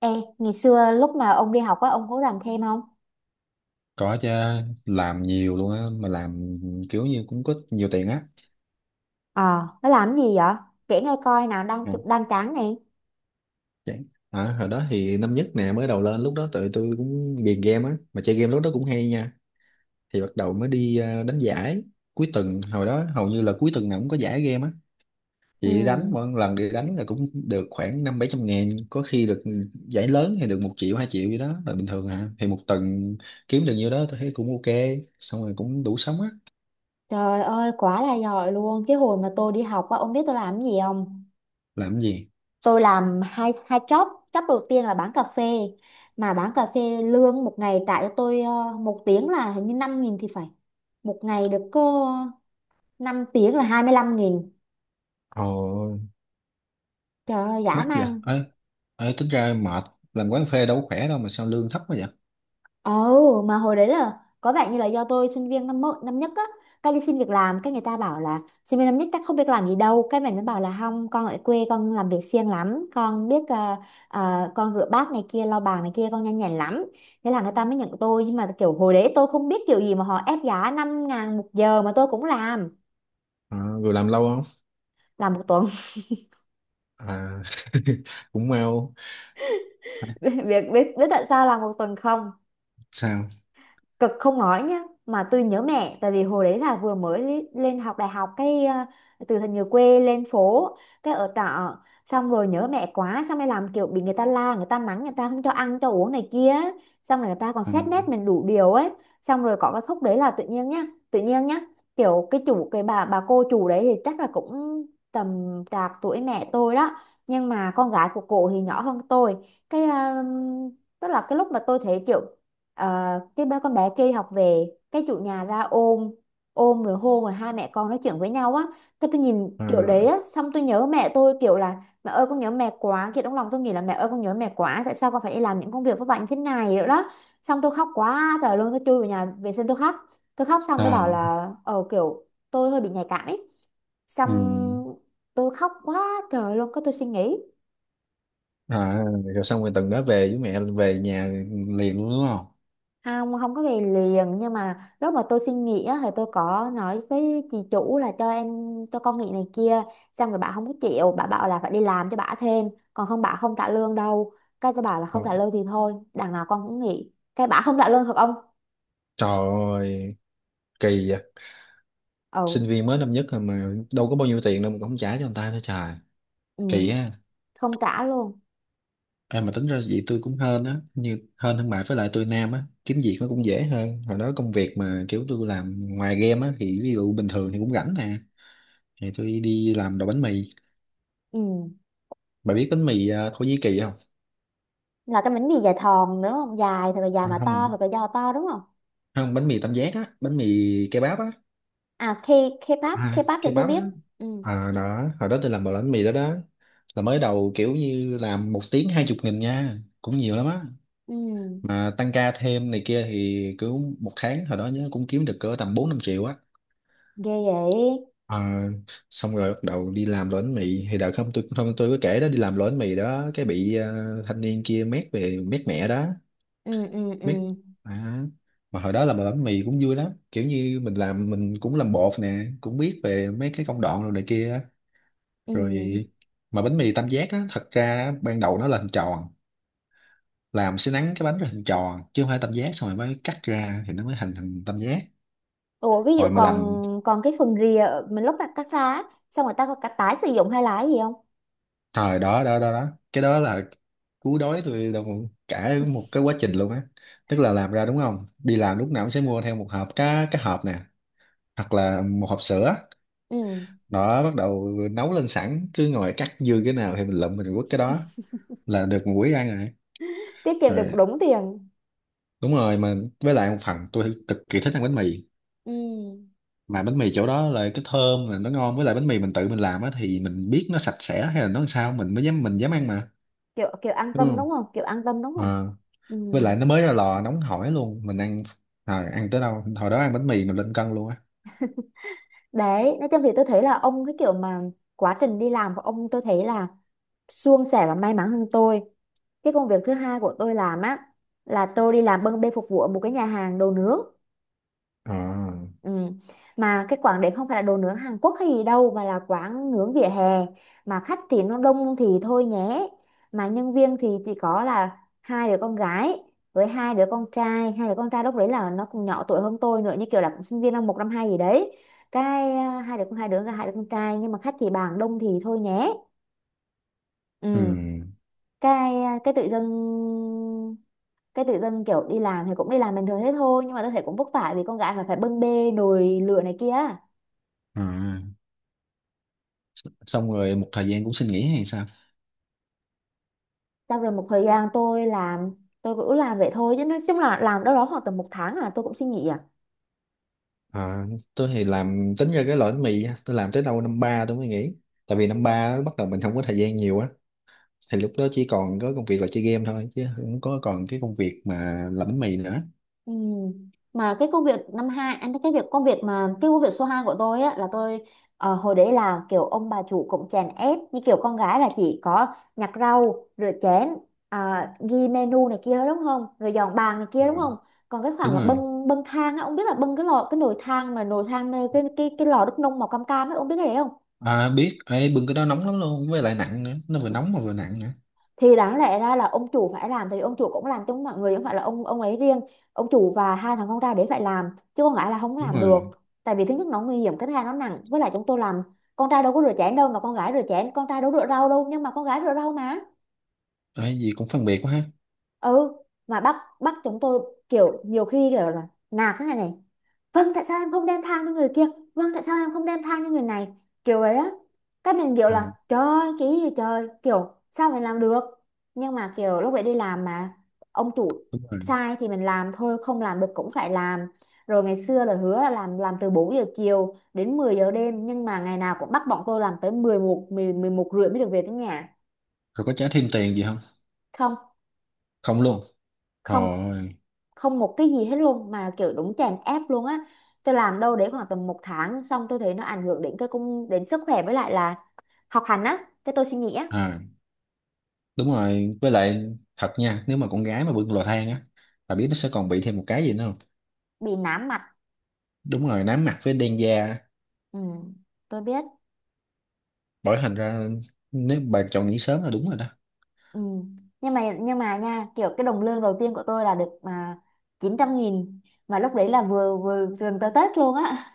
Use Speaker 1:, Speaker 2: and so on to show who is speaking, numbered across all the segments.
Speaker 1: Ê, ngày xưa lúc mà ông đi học á, ông có làm thêm không?
Speaker 2: Có chứ, làm nhiều luôn á mà làm kiểu như cũng có nhiều tiền á.
Speaker 1: Ờ, nó làm gì vậy? Kể nghe coi nào, đang
Speaker 2: Ừ,
Speaker 1: chụp đang tráng nè.
Speaker 2: chán. Hồi đó thì năm nhất nè, mới đầu lên lúc đó tụi tôi cũng ghiền game á mà chơi game lúc đó cũng hay nha. Thì bắt đầu mới đi đánh giải. Cuối tuần hồi đó hầu như là cuối tuần nào cũng có giải game á. Thì đánh
Speaker 1: Ừ,
Speaker 2: mỗi lần đi đánh là cũng được khoảng năm bảy trăm ngàn, có khi được. Ừ, Giải lớn thì được một triệu hai triệu gì đó là bình thường à, thì một tuần kiếm được nhiêu đó tôi thấy cũng ok, xong rồi cũng đủ sống á.
Speaker 1: trời ơi, quá là giỏi luôn. Cái hồi mà tôi đi học á, ông biết tôi làm cái gì không?
Speaker 2: Làm cái gì?
Speaker 1: Tôi làm hai hai job. Job đầu tiên là bán cà phê. Mà bán cà phê lương một ngày trả cho tôi một tiếng là hình như 5.000 thì phải. Một ngày được có 5 tiếng là 25.000.
Speaker 2: Ồ,
Speaker 1: Trời ơi, dã
Speaker 2: mắc vậy
Speaker 1: man.
Speaker 2: ấy. Ấy tính ra mệt, làm quán phê đâu có khỏe đâu mà sao lương thấp quá vậy.
Speaker 1: Ồ, mà hồi đấy là có vẻ như là do tôi sinh viên năm nhất á, cái đi xin việc làm, cái người ta bảo là sinh viên năm nhất chắc không biết làm gì đâu, cái mình mới bảo là không, con ở quê con làm việc siêng lắm, con biết à, con rửa bát này kia, lau bàn này kia, con nhanh nhẹn lắm. Thế là người ta mới nhận tôi, nhưng mà kiểu hồi đấy tôi không biết kiểu gì mà họ ép giá 5.000 một giờ mà tôi cũng
Speaker 2: Vừa làm lâu không?
Speaker 1: làm một tuần.
Speaker 2: à Cũng mau. À,
Speaker 1: Biết biết biết tại sao làm một tuần không?
Speaker 2: sao?
Speaker 1: Cực không nói nhá mà tôi nhớ mẹ, tại vì hồi đấy là vừa mới lên học đại học, từ thành người quê lên phố, cái ở trọ, xong rồi nhớ mẹ quá, xong rồi làm kiểu bị người ta la, người ta mắng, người ta không cho ăn cho uống này kia, xong rồi người ta còn
Speaker 2: à,
Speaker 1: xét nét mình đủ điều ấy. Xong rồi có cái khúc đấy là tự nhiên nhá, tự nhiên nhá, kiểu cái chủ, cái bà cô chủ đấy thì chắc là cũng tầm trạc tuổi mẹ tôi đó, nhưng mà con gái của cổ thì nhỏ hơn tôi. cái à, tức là cái lúc mà tôi thấy kiểu Ờ, cái ba con bé kia học về, cái chủ nhà ra ôm, rồi hôn, rồi hai mẹ con nói chuyện với nhau á, cái tôi nhìn
Speaker 2: à,
Speaker 1: kiểu đấy á, xong tôi nhớ mẹ tôi, kiểu là mẹ ơi con nhớ mẹ quá, kiểu trong lòng tôi nghĩ là mẹ ơi con nhớ mẹ quá, tại sao con phải đi làm những công việc vất vả như thế này nữa đó. Xong tôi khóc quá trời luôn, tôi chui vào nhà vệ sinh tôi khóc. Tôi khóc xong
Speaker 2: ờ,
Speaker 1: tôi bảo là ờ kiểu tôi hơi bị nhạy cảm ấy.
Speaker 2: ừ.
Speaker 1: Xong tôi khóc quá trời luôn, cái tôi suy nghĩ.
Speaker 2: à, Rồi xong rồi tuần đó về với mẹ về nhà liền luôn đúng không?
Speaker 1: Không, không có về liền, nhưng mà lúc mà tôi xin nghỉ á, thì tôi có nói với chị chủ là cho em, cho con nghỉ này kia, xong rồi bà không có chịu, bà bảo là phải đi làm cho bà thêm, còn không bà không trả lương đâu. Cái tôi bảo là
Speaker 2: Ờ,
Speaker 1: không trả lương thì thôi, đằng nào con cũng nghỉ, cái bà không trả lương thật ông.
Speaker 2: trời ơi, kỳ vậy. Sinh
Speaker 1: Ừ,
Speaker 2: viên mới năm nhất rồi mà đâu có bao nhiêu tiền đâu mà cũng không trả cho người ta nữa, trời,
Speaker 1: ừ,
Speaker 2: kỳ á.
Speaker 1: không trả luôn.
Speaker 2: À, mà tính ra vậy tôi cũng hên á, hên thương mại với lại tôi nam á kiếm việc nó cũng dễ hơn. Hồi đó công việc mà kiểu tôi làm ngoài game á thì ví dụ bình thường thì cũng rảnh nè, thì tôi đi làm đồ bánh mì.
Speaker 1: Ừ,
Speaker 2: Bà biết bánh mì Thổ Nhĩ Kỳ không?
Speaker 1: là cái bánh mì dài thòn đúng không, dài thật là dài mà
Speaker 2: Không,
Speaker 1: to thật là do to đúng không?
Speaker 2: không, bánh mì tam giác á, bánh mì kebab á.
Speaker 1: À, K, K-pop, K-pop thì tôi
Speaker 2: Kebab á.
Speaker 1: biết. Ừ.
Speaker 2: Đó hồi đó tôi làm đồ bánh mì đó. Đó là mới đầu kiểu như làm một tiếng 20.000 nha, cũng nhiều lắm á.
Speaker 1: Ừ.
Speaker 2: Mà tăng ca thêm này kia thì cứ một tháng hồi đó nhớ cũng kiếm được cỡ tầm bốn năm triệu á.
Speaker 1: Ghê vậy.
Speaker 2: Ờ, xong rồi bắt đầu đi làm đồ bánh mì thì đợt không, tôi không, tôi có kể đó, đi làm đồ bánh mì đó cái bị thanh niên kia mét về mét mẹ đó.
Speaker 1: Ừ. Ừ.
Speaker 2: Mét.
Speaker 1: Ừ.
Speaker 2: à, mà hồi đó làm đồ bánh mì cũng vui lắm, kiểu như mình làm, mình cũng làm bột nè, cũng biết về mấy cái công đoạn rồi này kia á.
Speaker 1: Ừ.
Speaker 2: Rồi, mà bánh mì tam giác á, thật ra ban đầu nó là hình tròn. Làm sẽ nắn cái bánh ra hình tròn chứ không phải tam giác, xong rồi mới cắt ra thì nó mới thành thành tam giác.
Speaker 1: Ủa ví dụ
Speaker 2: Rồi mà
Speaker 1: còn,
Speaker 2: làm.
Speaker 1: còn cái phần mình lúc mà cắt ra á, xong người ta có cả tái sử dụng hay là cái gì không?
Speaker 2: Thời đó đó, cái đó là cú đói tôi đồng cả một cái quá trình luôn á. Tức là làm ra đúng không, đi làm lúc nào cũng sẽ mua theo một hộp cá, cái hộp nè, hoặc là một hộp sữa.
Speaker 1: Ừ.
Speaker 2: Đó bắt đầu nấu lên sẵn cứ ngồi cắt dư cái nào thì mình lụm mình quất cái đó, là được một buổi ăn rồi.
Speaker 1: Tiết kiệm được
Speaker 2: Rồi,
Speaker 1: đúng tiền.
Speaker 2: đúng rồi mà, với lại một phần tôi cực kỳ thích ăn bánh mì.
Speaker 1: Ừ.
Speaker 2: Mà bánh mì chỗ đó là cái thơm là nó ngon, với lại bánh mì mình tự mình làm á thì mình biết nó sạch sẽ hay là nó làm sao mình mới dám, mình dám ăn mà.
Speaker 1: kiểu kiểu an
Speaker 2: Đúng
Speaker 1: tâm
Speaker 2: không?
Speaker 1: đúng không? Kiểu an tâm đúng không?
Speaker 2: Ờ.
Speaker 1: Ừ.
Speaker 2: Với lại nó mới ra lò nóng hổi luôn mình ăn. Ăn tới đâu hồi đó ăn bánh mì mình lên cân luôn á.
Speaker 1: Đấy, nói chung thì tôi thấy là ông, cái kiểu mà quá trình đi làm của ông tôi thấy là suôn sẻ và may mắn hơn tôi. Cái công việc thứ hai của tôi làm á là tôi đi làm bưng bê phục vụ ở một cái nhà hàng đồ nướng.
Speaker 2: À.
Speaker 1: Ừ. Mà cái quán đấy không phải là đồ nướng Hàn Quốc hay gì đâu, mà là quán nướng vỉa hè, mà khách thì nó đông thì thôi nhé, mà nhân viên thì chỉ có là hai đứa con gái với hai đứa con trai. Hai đứa con trai lúc đấy là nó cũng nhỏ tuổi hơn tôi nữa, như kiểu là cũng sinh viên năm một năm hai gì đấy. Hai đứa con, hai đứa con trai, nhưng mà khách thì bàn đông thì thôi nhé. Ừ.
Speaker 2: Ừ.
Speaker 1: Cái tự dưng, cái tự dưng kiểu đi làm thì cũng đi làm bình thường thế thôi, nhưng mà tôi thấy cũng vất vả vì con gái mà phải bưng bê nồi lửa này kia.
Speaker 2: À. Xong rồi một thời gian cũng xin nghỉ hay sao?
Speaker 1: Sau rồi một thời gian tôi làm, tôi cứ làm vậy thôi, chứ nói chung là làm đâu đó khoảng tầm một tháng là tôi cũng xin nghỉ à.
Speaker 2: à, tôi thì làm tính ra cái loại bánh mì á, tôi làm tới đâu năm ba tôi mới nghỉ. Tại vì năm ba bắt đầu mình không có thời gian nhiều á, thì lúc đó chỉ còn có công việc là chơi game thôi chứ không có còn cái công việc mà làm bánh mì nữa.
Speaker 1: Ừ. Mà cái công việc năm hai anh, cái việc công việc mà cái công việc số 2 của tôi á là tôi hồi đấy là kiểu ông bà chủ cũng chèn ép, như kiểu con gái là chỉ có nhặt rau, rửa chén, à, ghi menu này kia đúng không, rồi dọn bàn này kia
Speaker 2: Ừ.
Speaker 1: đúng không. Còn cái khoảng
Speaker 2: Đúng
Speaker 1: mà
Speaker 2: rồi.
Speaker 1: bưng bưng thang á, ông biết là bưng cái lò, cái nồi than, mà nồi than nơi cái cái lò đúc nung màu cam cam ấy, ông biết cái đấy không?
Speaker 2: Biết. Ê, bưng cái đó nóng lắm luôn với lại nặng nữa, nó vừa nóng mà vừa nặng nữa.
Speaker 1: Thì đáng lẽ ra là ông chủ phải làm, thì ông chủ cũng làm chung mọi người, không phải là ông ấy riêng, ông chủ và hai thằng con trai đấy phải làm, chứ con gái là không
Speaker 2: Đúng
Speaker 1: làm được.
Speaker 2: rồi.
Speaker 1: Tại vì thứ nhất nó nguy hiểm, cái thứ hai nó nặng, với lại chúng tôi làm, con trai đâu có rửa chén đâu mà con gái rửa chén, con trai đâu rửa rau đâu nhưng mà con gái rửa rau mà.
Speaker 2: Ê, gì cũng phân biệt quá ha.
Speaker 1: Ừ. Mà bắt bắt chúng tôi kiểu, nhiều khi kiểu là nạt thế này này, vâng tại sao em không đem thang cho người kia, vâng tại sao em không đem thang cho người này, kiểu ấy á, các mình kiểu
Speaker 2: Ờ,
Speaker 1: là trời ơi, cái gì trời, kiểu sao mình làm được. Nhưng mà kiểu lúc đấy đi làm mà ông chủ
Speaker 2: đúng rồi.
Speaker 1: sai thì mình làm thôi, không làm được cũng phải làm. Rồi ngày xưa là hứa là làm từ 4 giờ chiều đến 10 giờ đêm, nhưng mà ngày nào cũng bắt bọn tôi làm tới 11, 11 rưỡi mới được về tới nhà.
Speaker 2: Rồi có trả thêm tiền gì không?
Speaker 1: Không.
Speaker 2: Không luôn.
Speaker 1: Không.
Speaker 2: Rồi.
Speaker 1: Không một cái gì hết luôn, mà kiểu đúng chèn ép luôn á. Tôi làm đâu đấy khoảng tầm một tháng xong tôi thấy nó ảnh hưởng đến cái công đến sức khỏe, với lại là học hành á, cái tôi suy nghĩ á.
Speaker 2: à, Đúng rồi. Với lại thật nha, nếu mà con gái mà bưng lò than á, bà biết nó sẽ còn bị thêm một cái gì nữa không?
Speaker 1: Bị nám mặt.
Speaker 2: Đúng rồi, nám mặt với đen da.
Speaker 1: Ừ, tôi biết.
Speaker 2: Bởi thành ra, nếu bà chọn nghỉ sớm là đúng rồi đó.
Speaker 1: Ừ. Nhưng mà, nhưng mà nha, kiểu cái đồng lương đầu tiên của tôi là được mà 900.000, mà lúc đấy là vừa vừa gần tới Tết luôn á,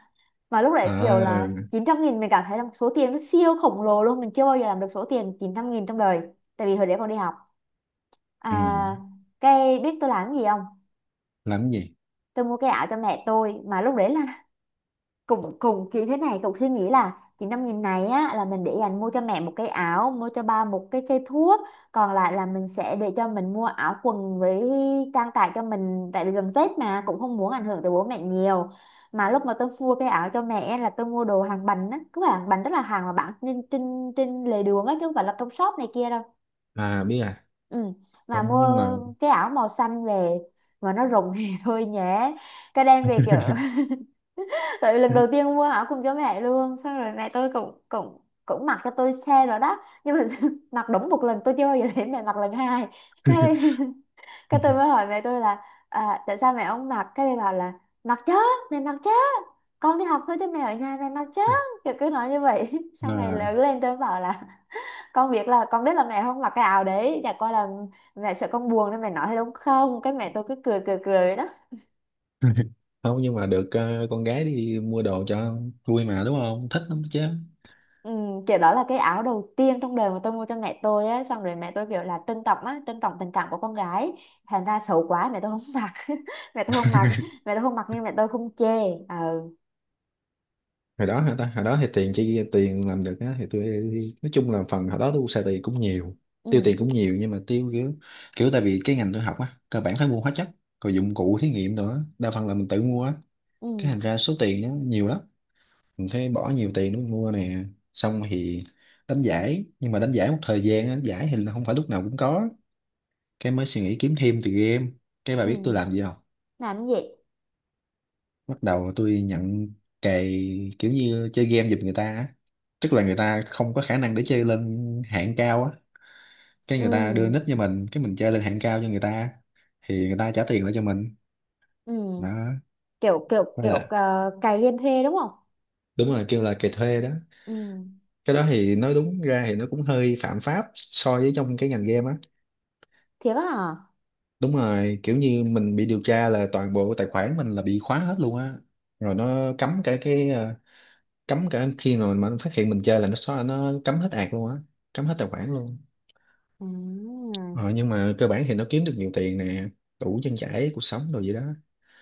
Speaker 1: mà lúc đấy kiểu
Speaker 2: À.
Speaker 1: là 900.000 mình cảm thấy là một số tiền nó siêu khổng lồ luôn, mình chưa bao giờ làm được số tiền 900.000 trong đời. Tại vì hồi đấy còn đi học.
Speaker 2: Ừ.
Speaker 1: à, cái biết tôi làm cái gì không?
Speaker 2: Làm cái gì?
Speaker 1: Tôi mua cái ảo cho mẹ tôi, mà lúc đấy là cùng cùng kiểu thế này, cùng suy nghĩ là chỉ 5.000 này á là mình để dành mua cho mẹ một cái áo, mua cho ba một cái cây thuốc, còn lại là mình sẽ để cho mình mua áo quần với trang trải cho mình, tại vì gần Tết mà cũng không muốn ảnh hưởng tới bố mẹ nhiều. Mà lúc mà tôi mua cái áo cho mẹ là tôi mua đồ hàng bánh á, cứ hàng bánh tức là hàng mà bán trên trên trên lề đường á, chứ không phải là trong shop này kia đâu.
Speaker 2: À, biết à.
Speaker 1: Ừ. Mà
Speaker 2: Không, nhưng
Speaker 1: mua
Speaker 2: mà...
Speaker 1: cái áo màu xanh về mà nó rụng thì thôi nhé, cái đem về kiểu, tại lần đầu tiên mua áo cùng cho mẹ luôn. Xong rồi mẹ tôi cũng cũng cũng mặc cho tôi xe rồi đó. Nhưng mà mặc đúng một lần, tôi chưa bao giờ thấy mẹ mặc lần hai. Cái cái tôi mới hỏi mẹ tôi là à, tại sao mẹ không mặc? Cái mẹ bảo là mặc chứ, mẹ mặc chứ, con đi học thôi chứ mẹ ở nhà mẹ mặc chứ. Kiểu cứ nói như vậy. Sau này lớn
Speaker 2: à,
Speaker 1: lên tôi bảo là con biết là, con biết là mẹ không mặc cái áo đấy, chả qua là mẹ sợ con buồn nên mẹ nói thế đúng không? Cái mẹ tôi cứ cười cười cười đó.
Speaker 2: Không, nhưng mà được, con gái đi mua đồ cho vui mà, đúng không? Thích lắm chứ.
Speaker 1: Ừ, kiểu đó là cái áo đầu tiên trong đời mà tôi mua cho mẹ tôi á, xong rồi mẹ tôi kiểu là trân trọng á, trân trọng tình cảm của con gái, thành ra xấu quá mẹ tôi không mặc. Mẹ tôi không mặc, mẹ tôi không mặc, nhưng mẹ tôi không chê. Ờ.
Speaker 2: Hồi đó hả ta, hồi đó thì tiền, chỉ tiền làm được á thì tôi nói chung là phần hồi đó tôi xài tiền cũng nhiều.
Speaker 1: Ừ.
Speaker 2: Tiêu tiền cũng nhiều nhưng mà tiêu kiểu, tại vì cái ngành tôi học á cơ bản phải mua hóa chất, rồi dụng cụ thí nghiệm nữa, đa phần là mình tự mua á.
Speaker 1: Ừ.
Speaker 2: Cái thành ra số tiền nó nhiều lắm, mình phải bỏ nhiều tiền để mình mua nè. Xong thì đánh giải, nhưng mà đánh giải một thời gian á, đánh giải thì là không phải lúc nào cũng có. Cái mới suy nghĩ kiếm thêm từ game. Cái bà
Speaker 1: Ừ.
Speaker 2: biết tôi làm gì không?
Speaker 1: Làm cái gì?
Speaker 2: Bắt đầu tôi nhận cày, kiểu như chơi game giùm người ta á. Tức là người ta không có khả năng để chơi lên hạng cao á, cái người ta đưa
Speaker 1: Ừ.
Speaker 2: nick cho mình, cái mình chơi lên hạng cao cho người ta. Thì người ta trả tiền lại cho mình
Speaker 1: Ừ.
Speaker 2: đó.
Speaker 1: kiểu kiểu
Speaker 2: Với
Speaker 1: kiểu
Speaker 2: là
Speaker 1: cày game thuê đúng không?
Speaker 2: đúng rồi, kêu là cày thuê đó.
Speaker 1: Ừ.
Speaker 2: Cái đó thì nói đúng ra thì nó cũng hơi phạm pháp so với trong cái ngành game á.
Speaker 1: Thiệt á hả?
Speaker 2: Đúng rồi, kiểu như mình bị điều tra là toàn bộ tài khoản mình là bị khóa hết luôn á. Rồi nó cấm cả cái, cấm cả khi mà nó phát hiện mình chơi là nó xóa, nó cấm hết ạc luôn á. Cấm hết tài khoản luôn.
Speaker 1: Ừ.
Speaker 2: Ờ, nhưng mà cơ bản thì nó kiếm được nhiều tiền nè, đủ trang trải cuộc sống rồi gì đó.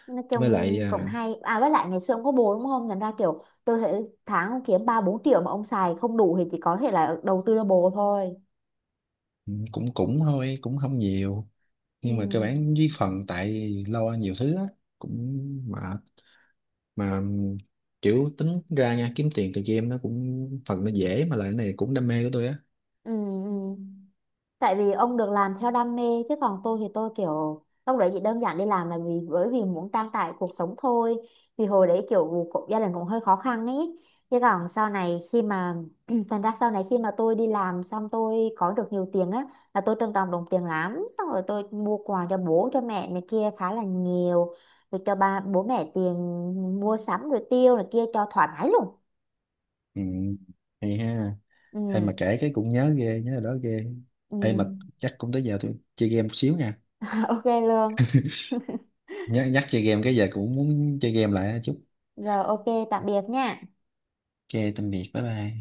Speaker 1: Nói
Speaker 2: Với lại
Speaker 1: chung cũng hay à, với lại ngày xưa ông có bồ đúng không, thành ra kiểu tôi thấy tháng ông kiếm 3 4 triệu mà ông xài không đủ thì chỉ có thể là đầu tư cho bồ thôi.
Speaker 2: cũng cũng thôi cũng không nhiều.
Speaker 1: Ừ.
Speaker 2: Nhưng mà cơ bản với phần tại lo nhiều thứ á, cũng mệt mà. Kiểu tính ra nha, kiếm tiền từ game nó cũng phần nó dễ mà lại cái này cũng đam mê của tôi á.
Speaker 1: Ừ. Ừ. Tại vì ông được làm theo đam mê, chứ còn tôi thì tôi kiểu lúc đấy chỉ đơn giản đi làm là vì bởi vì muốn trang trải cuộc sống thôi, vì hồi đấy kiểu cũng, gia đình cũng hơi khó khăn ấy. Chứ còn sau này khi mà thành ra sau này khi mà tôi đi làm xong tôi có được nhiều tiền á, là tôi trân trọng đồng tiền lắm, xong rồi tôi mua quà cho bố cho mẹ này kia khá là nhiều, rồi cho bố mẹ tiền mua sắm rồi tiêu này kia cho thoải mái luôn.
Speaker 2: Ừ, hay ha. Hay mà
Speaker 1: Ừ.
Speaker 2: kể cái cũng nhớ ghê, nhớ là đó ghê.
Speaker 1: Ừ.
Speaker 2: Hay mà. Chắc cũng tới giờ tôi chơi game một xíu nha.
Speaker 1: Ok luôn.
Speaker 2: Nhắc nhắc chơi game cái giờ cũng muốn chơi game lại chút.
Speaker 1: Rồi ok, tạm biệt nha.
Speaker 2: Ok, tạm biệt, bye bye.